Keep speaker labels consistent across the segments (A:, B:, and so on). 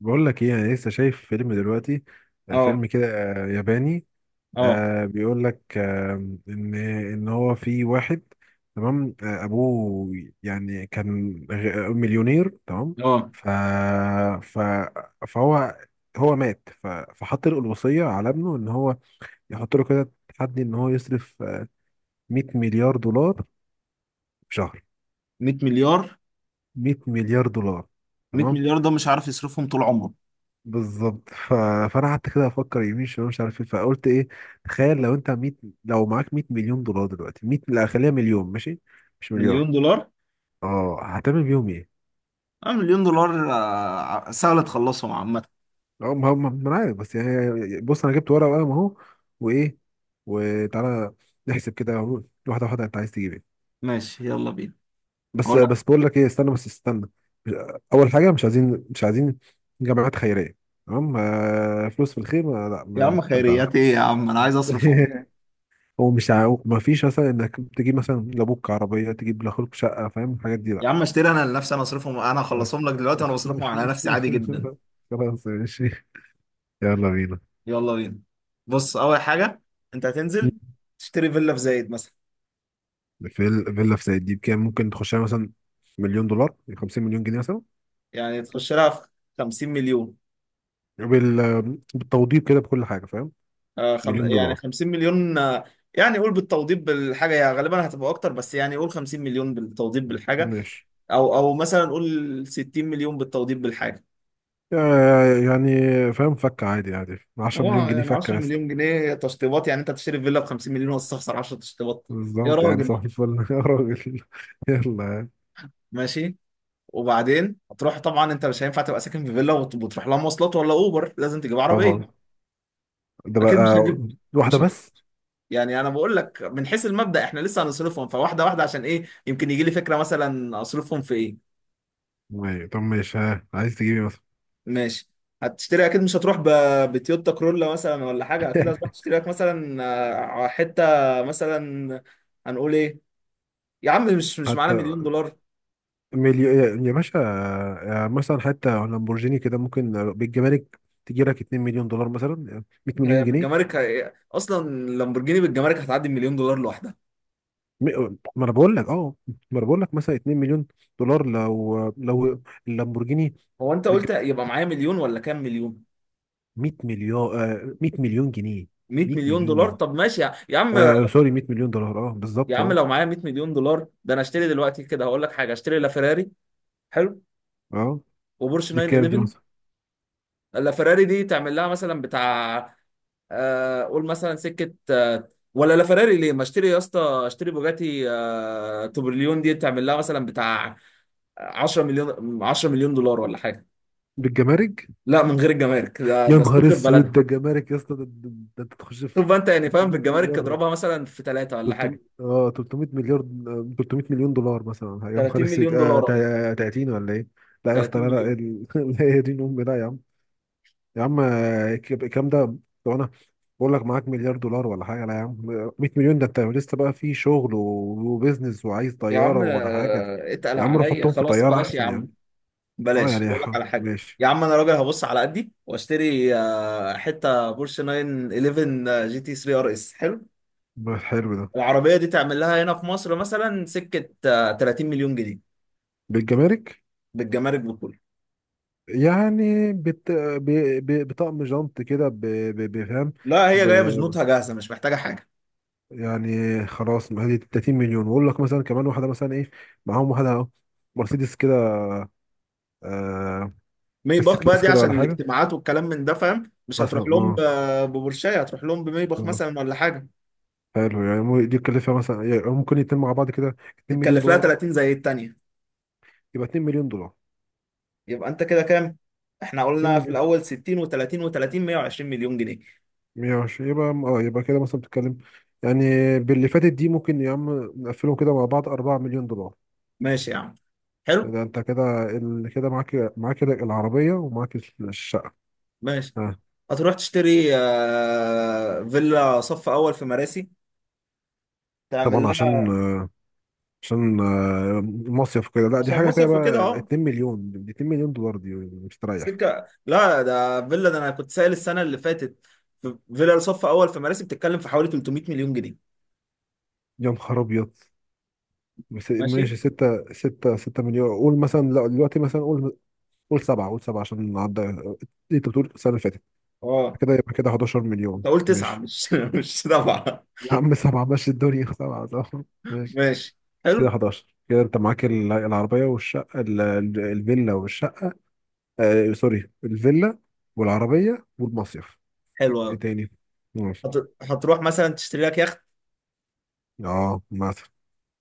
A: بقول لك ايه، انا لسه شايف فيلم دلوقتي. آه،
B: اه
A: فيلم كده، آه، ياباني.
B: اه
A: آه، بيقول لك ان ان هو في واحد، تمام، آه، ابوه يعني كان مليونير، تمام.
B: اه
A: ف ف فهو مات فحط له الوصية على ابنه ان هو يحط له كده تحدي ان هو يصرف 100 مليار دولار في شهر.
B: 100 مليار.
A: 100 مليار دولار،
B: 100
A: تمام.
B: مليار ده مش عارف يصرفهم طول عمره.
A: بالظبط. فانا قعدت كده افكر يمين شمال، مش عارف ايه، فقلت ايه؟ تخيل لو انت 100 لو معاك 100 مليون دولار دلوقتي. 100 لا خليها مليون، ماشي، مش مليار.
B: مليون دولار.
A: اه، هتعمل بيهم ايه؟
B: اه، مليون دولار سهل تخلصهم عامة.
A: اه، ما انا عارف، بس يعني بص، انا جبت ورقه وقلم اهو، وايه، وتعالى نحسب كده اهو، واحده واحده. انت عايز تجيب ايه؟
B: ماشي، يلا بينا.
A: بس
B: هقول لك.
A: بس بقول لك ايه، استنى. اول حاجه، مش عايزين جمعيات خيريه، تمام. آه، فلوس في الخير، لا،
B: يا عم،
A: ما
B: خيريات ايه يا عم؟ انا عايز اصرفهم.
A: هو مش عاو... ما فيش مثلا انك تجيب مثلا لابوك عربيه، تجيب لاخوك شقه، فاهم الحاجات دي؟
B: يا
A: لا.
B: عم اشتري انا لنفسي، انا اصرفهم، انا
A: بس
B: هخلصهم لك دلوقتي وانا بصرفهم على نفسي عادي جدا.
A: خلاص ماشي، يلا بينا.
B: يلا بينا. بص، اول حاجة انت هتنزل تشتري فيلا في زايد مثلا.
A: فيلا في سيد دي بكام ممكن تخشها؟ مثلا مليون دولار، 50 مليون جنيه مثلا.
B: يعني تخش لها في 50 مليون
A: بال... بالتوضيب كده، بكل حاجه، فاهم، مليون
B: يعني
A: دولار.
B: 50 مليون يعني قول بالتوضيب بالحاجه، يعني غالبا هتبقى اكتر، بس يعني قول 50 مليون بالتوضيب بالحاجه.
A: ماشي.
B: او مثلا قول 60 مليون بالتوضيب بالحاجه.
A: يعني فاهم، فكه عادي عادي. 10
B: هو
A: مليون جنيه
B: يعني
A: فكه
B: 10
A: يا اسطى.
B: مليون جنيه تشطيبات؟ يعني انت هتشتري فيلا ب 50 مليون وتستخسر 10 تشطيبات؟ يا
A: بالظبط، يعني
B: راجل.
A: صباح الفل. يا راجل، يلا.
B: ماشي. وبعدين هتروح طبعا، انت مش هينفع تبقى ساكن في فيلا وتروح لها مواصلات ولا اوبر، لازم تجيب
A: طبعا،
B: عربيه.
A: ده
B: اكيد مش
A: بقى
B: هتجيب.
A: واحده
B: مش هت...
A: بس.
B: يعني انا بقول لك من حيث المبدأ، احنا لسه هنصرفهم فواحده واحده عشان ايه، يمكن يجي لي فكره مثلا اصرفهم في ايه.
A: ماشي، طب ماشي، ها، عايز تجيبي مثلا.
B: ماشي. هتشتري، اكيد مش هتروح بتويوتا كرولا مثلا ولا حاجه، اكيد هتروح تشتري لك مثلا حته مثلا. هنقول ايه؟ يا عم، مش معانا
A: حتى
B: مليون دولار.
A: مليون، يا يا باشا، يا مثلا حتى لامبورجيني كده ممكن بالجمارك تجي لك 2 مليون دولار مثلا، 100 مليون
B: هي
A: جنيه.
B: بالجمارك اصلا لامبورجيني بالجمارك هتعدي المليون دولار لوحدها.
A: ما انا بقول لك اه، ما انا بقول لك مثلا 2 مليون دولار لو لو اللامبورجيني.
B: هو انت
A: بالج-
B: قلت يبقى معايا مليون ولا كام مليون؟
A: 100 مليون، آه، 100 مليون جنيه.
B: 100
A: 100
B: مليون
A: مليون
B: دولار؟
A: جنيه
B: طب ماشي يا عم.
A: آه سوري، 100 مليون دولار، اه
B: يا
A: بالظبط،
B: عم،
A: اه.
B: لو معايا 100 مليون دولار ده، انا اشتري دلوقتي كده، هقول لك حاجه، اشتري لا فيراري، حلو،
A: اه،
B: وبورش
A: دي بكام دي
B: 911.
A: مثلا؟
B: لا فيراري دي تعمل لها مثلا بتاع قول مثلا سكه ولا لا فراري ليه، ما اشتري يا اسطى، اشتري بوجاتي توبرليون، دي تعمل لها مثلا بتاع 10 مليون، 10 مليون دولار ولا حاجه.
A: بالجمارك.
B: لا، من غير الجمارك، ده
A: يا
B: ده ستوك
A: نهار
B: في
A: اسود،
B: بلدها.
A: ده جمارك يا اسطى، ده انت تخش في
B: شوف بقى انت، يعني فاهم،
A: 300
B: بالجمارك
A: مليار.
B: اضربها مثلا في ثلاثه ولا
A: 300
B: حاجه.
A: اه 300 مليار، 300 مليون دولار مثلا. يا نهار
B: 30
A: اسود،
B: مليون
A: آه،
B: دولار أهو.
A: 30، ولا ايه؟ لا يا اسطى،
B: 30
A: لا
B: مليون.
A: لا يا دين امي، لا يا عم. يا عم، آه، الكلام ده، طب انا بقول لك معاك مليار دولار ولا حاجه؟ لا يا عم، 100 مليون ده انت لسه بقى في شغل وبيزنس، وعايز
B: يا عم
A: طياره ولا حاجه.
B: اتقل
A: يا عم، روح
B: عليا،
A: حطهم في
B: خلاص
A: طياره
B: بلاش يا
A: احسن يا عم.
B: عم.
A: اه
B: بلاش
A: يعني
B: بقول لك على حاجه.
A: ماشي.
B: يا عم، انا راجل هبص على قدي واشتري حته بورش 911 جي تي 3 ار اس، حلو.
A: حلو ده،
B: العربية دي تعمل لها هنا في مصر مثلا سكة 30 مليون جنيه.
A: بالجمارك.
B: بالجمارك بكله.
A: يعني بطقم جنط كده، بفهم.
B: لا، هي
A: ب...
B: جاية بجنودها جاهزة مش محتاجة حاجة.
A: يعني خلاص، ما هذه 30 مليون. واقول لك مثلا كمان واحده مثلا ايه معاهم، واحده اهو، مرسيدس كده، آه... اس
B: ميباخ بقى
A: كلاس
B: دي
A: كده ولا
B: عشان
A: حاجه
B: الاجتماعات والكلام من ده، فاهم؟ مش
A: مثلا،
B: هتروح لهم
A: اه.
B: ببورشية، هتروح لهم بميباخ
A: بالظبط،
B: مثلا ولا حاجة.
A: حلو، يعني دي تكلفها مثلا، يعني ممكن يتم مع بعض كده 2 مليون
B: تتكلف لها
A: دولار مثلا.
B: 30 زي التانية.
A: يبقى 2 مليون دولار.
B: يبقى انت كده كام؟ احنا
A: 2
B: قلنا في
A: مليون،
B: الأول 60 و30 و30، 120 مليون جنيه.
A: 120 يبقى اه، يبقى كده مثلا بتتكلم، يعني باللي فاتت دي ممكن يا عم نقفلهم كده مع بعض 4 مليون دولار.
B: ماشي يا عم. حلو؟
A: ده انت كده كده معاك العربية ومعاك الشقة.
B: ماشي.
A: آه.
B: هتروح تشتري فيلا صف أول في مراسي، تعمل
A: طبعا،
B: لها.
A: عشان آه، مصيف كده، لا دي
B: عشان
A: حاجة كده
B: مصيف وكده
A: بقى.
B: اه.
A: 2 مليون دي، 2 مليون دولار دي، مستريح.
B: سكه، لا، ده فيلا، ده انا كنت سائل السنه اللي فاتت، في فيلا صف اول في مراسي بتتكلم في حوالي 300 مليون جنيه.
A: يا نهار أبيض.
B: ماشي.
A: ماشي 6. 6 مليون قول مثلا. لا دلوقتي مثلا قول، قول 7. عشان نعدي، انت بتقول السنة اللي فاتت،
B: اه.
A: كده يبقى كده 11
B: انت
A: مليون،
B: قلت تسعه
A: ماشي.
B: مش مش سبعه.
A: يا عم 7، ماشي الدنيا 7، ماشي.
B: ماشي.
A: كده
B: حلو.
A: 11 كده، انت معاك العربية والشقة، الفيلا والشقة، آه سوري، الفيلا والعربية والمصيف.
B: حلو
A: ايه
B: قوي.
A: تاني؟ ماشي.
B: هت... هتروح مثلا تشتري لك يخت
A: اه مثلا،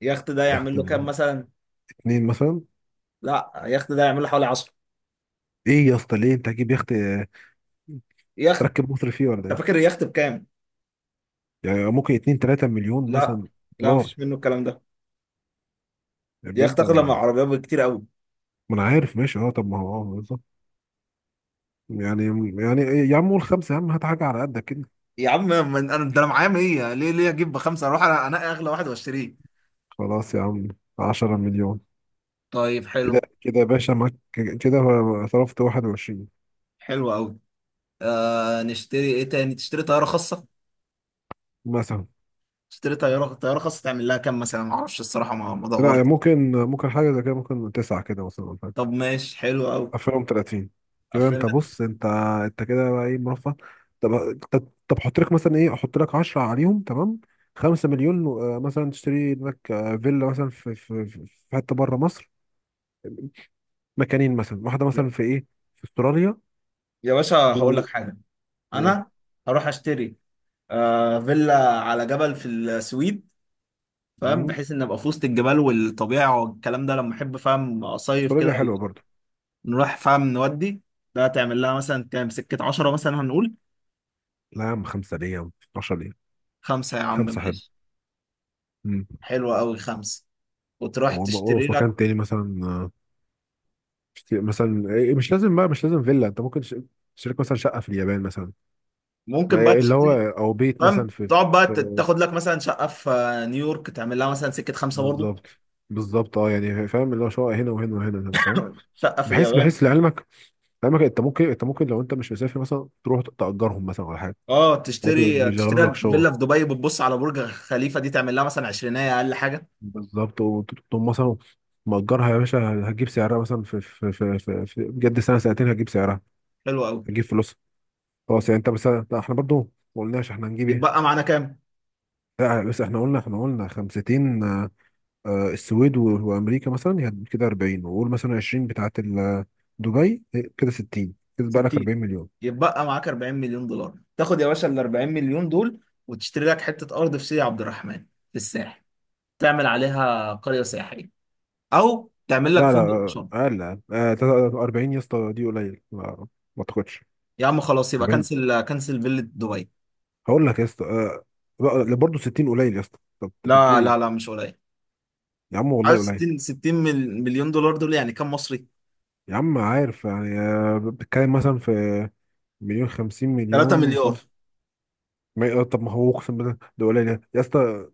B: يخت ده يعمل
A: يخت.
B: له كام مثلا
A: اتنين مثلا.
B: لا يخت ده يعمل له حوالي 10
A: ايه يا اسطى، ليه انت هتجيب يخت؟ آه،
B: يخت
A: تركب مصر فيه ولا
B: انت
A: ايه؟
B: فاكر اليخت بكام
A: يعني ممكن اتنين تلاتة مليون
B: لا
A: مثلا،
B: لا
A: دولار.
B: مفيش منه الكلام ده
A: يعني
B: يخت
A: بجد
B: اغلى من
A: انا،
B: العربيه بكتير قوي
A: ما انا عارف. ماشي، اه. طب ما هو اه بالظبط، يعني. يعني إيه، يا عم قول خمسة، يا عم هات حاجة على قدك كده.
B: يا عم من... انا ده انا معايا 100 ليه ليه اجيب بخمسه اروح انا انا اغلى واحد واشتريه
A: خلاص يا عم، عشرة مليون.
B: طيب
A: كده
B: حلو
A: كده يا باشا معاك كده صرفت واحد وعشرين.
B: حلو قوي آه نشتري ايه تاني؟ تشتري طيارة خاصة؟
A: مثلا،
B: تشتري طيارة خاصة، تعمل لها كام مثلا؟ ما اعرفش الصراحة، ما
A: لا
B: دورت.
A: ممكن، ممكن حاجة زي كده، ممكن تسعة كده مثلا.
B: طب ماشي، حلو قوي.
A: 2030 كده. انت
B: فيلا.
A: بص، انت انت كده بقى ايه، مرفه. طب طب حط لك مثلا ايه، احط لك 10 عليهم، تمام، 5 مليون. آه، مثلا تشتري لك آه، فيلا مثلا في حته بره مصر، مكانين مثلا، واحده
B: يا
A: مثلا في ايه، في استراليا،
B: يا باشا،
A: و...
B: هقول لك حاجة.
A: و...
B: انا هروح اشتري آه فيلا على جبل في السويد، فاهم؟
A: مم.
B: بحيث ان ابقى في وسط الجبال والطبيعه والكلام ده لما احب، فاهم، اصيف كده.
A: استراليا حلوه برضو.
B: نروح فاهم نودي. ده تعمل لها مثلا كام؟ سكه 10 مثلا هنقول.
A: لا يا عم خمسه، ليه يا عم 12 ليه؟
B: خمسة يا عم
A: خمسه حلو.
B: ماشي.
A: مم.
B: حلوه قوي خمسه. وتروح تشتري
A: وفي
B: لك.
A: مكان تاني مثلا، آه، مثلا إيه، مش لازم بقى، مش لازم فيلا، انت ممكن تشتري لك مثلا شقه في اليابان مثلا، ما
B: ممكن بقى.
A: هي اللي هو او بيت مثلا
B: تمام،
A: في.
B: تقعد بقى
A: في-
B: تاخد لك مثلا شقه في نيويورك، تعمل لها مثلا سكه خمسه برضه.
A: بالظبط، بالظبط، اه يعني فاهم، اللي هو شقق هنا وهنا وهنا، فاهم.
B: شقه في
A: بحيث
B: اليابان.
A: بحيث لعلمك، لعلمك انت ممكن، انت ممكن لو انت مش مسافر مثلا تروح تأجرهم مثلا ولا حاجه،
B: اه،
A: برضه
B: تشتري
A: يشغلوا لك
B: لك
A: شغل.
B: فيلا في دبي بتبص على برج خليفه، دي تعمل لها مثلا عشرينية اقل حاجه.
A: بالظبط. وتقوم مثلا مأجرها يا باشا، هتجيب سعرها مثلا في بجد سنه سنتين هتجيب سعرها،
B: حلو قوي.
A: هتجيب فلوسها. خلاص، يعني انت مثلا. لا احنا برضه ما قلناش احنا هنجيب ايه.
B: يتبقى معانا كام؟
A: لا بس احنا قلنا، 50، آه، السويد وامريكا مثلا، يعني كده 40، وقول مثلا 20 بتاعه دبي، كده 60، كده بقى لك
B: 60.
A: 40 مليون.
B: يتبقى معاك 40 مليون دولار. تاخد يا باشا ال 40 مليون دول وتشتري لك حته ارض في سيدي عبد الرحمن، في الساحل، تعمل عليها قريه سياحيه، او تعمل لك
A: لا لا،
B: فندق
A: آه،
B: شرم.
A: اقل، أقل. آه، 40 يا اسطى دي قليل، ما ما اعتقدش.
B: يا عم خلاص، يبقى
A: 40.
B: كنسل كنسل فيلا دبي.
A: هقول لك يا اسطى، آه، برضه 60 قليل يا اسطى، طب انت بتقول
B: لا لا لا،
A: ايه؟
B: مش قليل.
A: يا عم والله
B: عارف
A: قليل.
B: 60، مليون دولار دول يعني كام مصري؟
A: يا عم، عارف يعني آه، بتتكلم مثلا في مليون 50
B: 3
A: مليون،
B: مليار.
A: آه، طب ما هو اقسم بالله ده قليل يا اسطى.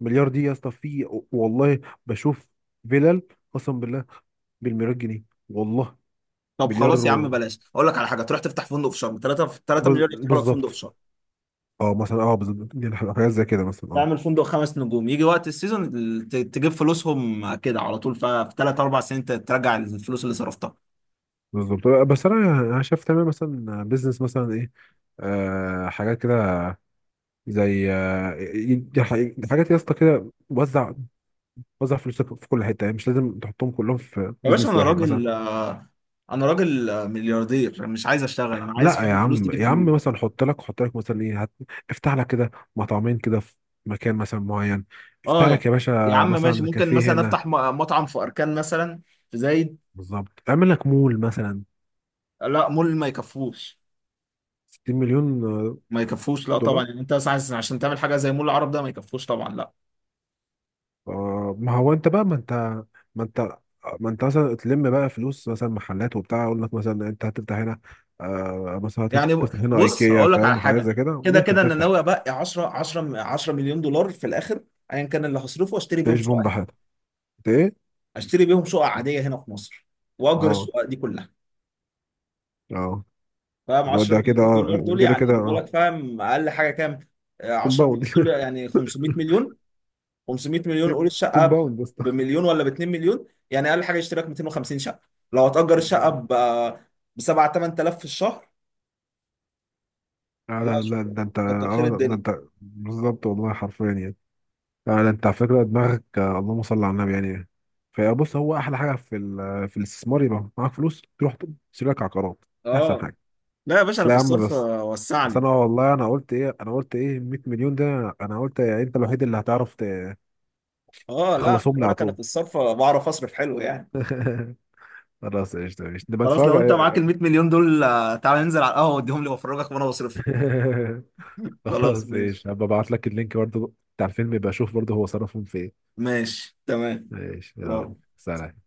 A: مليار دي يا اسطى، في والله، بشوف فيلل، قسم بالله، بالمليار جنيه والله.
B: طب
A: مليار
B: خلاص يا عم، بلاش اقول لك على حاجه، تروح تفتح فندق في شرم 3، مليار يفتحوا لك فندق في
A: بالظبط.
B: شرم.
A: اه مثلا، اه بالظبط، دي حاجات زي كده مثلا، اه
B: تعمل فندق خمس نجوم، يجي وقت السيزون تجيب فلوسهم كده على طول، ففي 3 4 سنين ترجع الفلوس اللي صرفتها.
A: بالظبط. بس انا انا شايف تمام، مثلا بيزنس مثلا ايه، آه حاجات كده، زي آه حاجات يا اسطى كده. وزع، وزع فلوسك في كل حته، يعني مش لازم تحطهم كلهم في
B: يا باشا،
A: بيزنس واحد مثلا.
B: انا راجل ملياردير مش عايز اشتغل، انا عايز
A: لا يا
B: فاهم فلوس
A: عم،
B: تجيب
A: يا عم
B: فلوس.
A: مثلا حط لك، حط لك مثلا ايه، افتح لك كده مطعمين كده في مكان مثلا معين، افتح
B: اه يا
A: لك يا
B: يا
A: باشا
B: عم ماشي،
A: مثلا
B: ممكن
A: كافيه
B: مثلا
A: هنا.
B: افتح مطعم في اركان مثلا في زايد.
A: بالظبط، اعمل لك مول مثلا.
B: لا مول ما يكفوش.
A: 60 مليون
B: ما يكفوش لا طبعا،
A: دولار.
B: يعني انت عشان تعمل حاجه زي مول العرب ده ما يكفوش طبعا، لا.
A: آه ما هو انت بقى، ما انت ما انت مثلا تلم بقى فلوس مثلا، محلات وبتاع، اقول لك مثلا انت هتفتح هنا آه مثلا،
B: يعني
A: هتفتح هنا
B: بص
A: ايكيا،
B: هقول لك على
A: فاهم حاجه
B: حاجه،
A: زي كده
B: كده
A: ممكن
B: كده انا ناوي
A: تفتح.
B: ابقى 10 مليون دولار في الاخر ايا كان اللي هصرفه. اشتري بيهم
A: تعيش
B: شقه
A: بوم
B: هنا.
A: بحالك انت. ايه؟
B: اشتري بيهم شقه عاديه هنا في مصر، واجر
A: اه،
B: الشقه دي كلها.
A: اه،
B: فاهم،
A: والله
B: 10
A: ده كده
B: مليون دولار
A: آه،
B: دول
A: كده
B: يعني
A: كده
B: يجيبوا
A: اه،
B: لك فاهم اقل حاجه كام؟ 10
A: كومباوند.
B: مليون دول يعني 500 مليون. قول الشقه
A: كومباوند بس.
B: بمليون ولا ب 2 مليون، يعني اقل حاجه يشتري لك 250 شقه. لو هتأجر الشقه ب 7 8,000 في الشهر.
A: لا
B: لا
A: لا لا،
B: شكرا،
A: ده انت
B: كتر خير
A: اه، ده
B: الدنيا.
A: انت بالظبط والله حرفيا يعني. لا ده انت على فكره دماغك، آه، اللهم صل على النبي يعني. فبص، هو احلى حاجه في في الاستثمار، يبقى معاك فلوس تروح تشتري لك عقارات، دي احسن
B: اه
A: حاجه.
B: لا يا باشا،
A: بس،
B: انا
A: لا
B: في
A: يا عم
B: الصرف
A: بس، بس
B: وسعني.
A: انا والله انا قلت ايه، انا قلت ايه، 100 مليون، ده انا قلت يعني انت الوحيد اللي هتعرف
B: اه لا، خلي
A: تخلصهم لي على
B: بالك، انا في
A: طول.
B: الصرف بعرف اصرف حلو يعني.
A: خلاص، ايش ده، ايش نبقى
B: خلاص، لو انت معاك
A: نتفاجئ.
B: ال 100 مليون دول تعال ننزل على القهوه واديهم لي وافرجك وانا بصرفهم. خلاص
A: خلاص،
B: ماشي.
A: ايش، هبقى ابعت لك اللينك برضه بتاع الفيلم، يبقى شوف برضه هو صرفهم في إيه.
B: ماشي تمام.
A: ماشي،
B: واو.
A: يلا، سلام.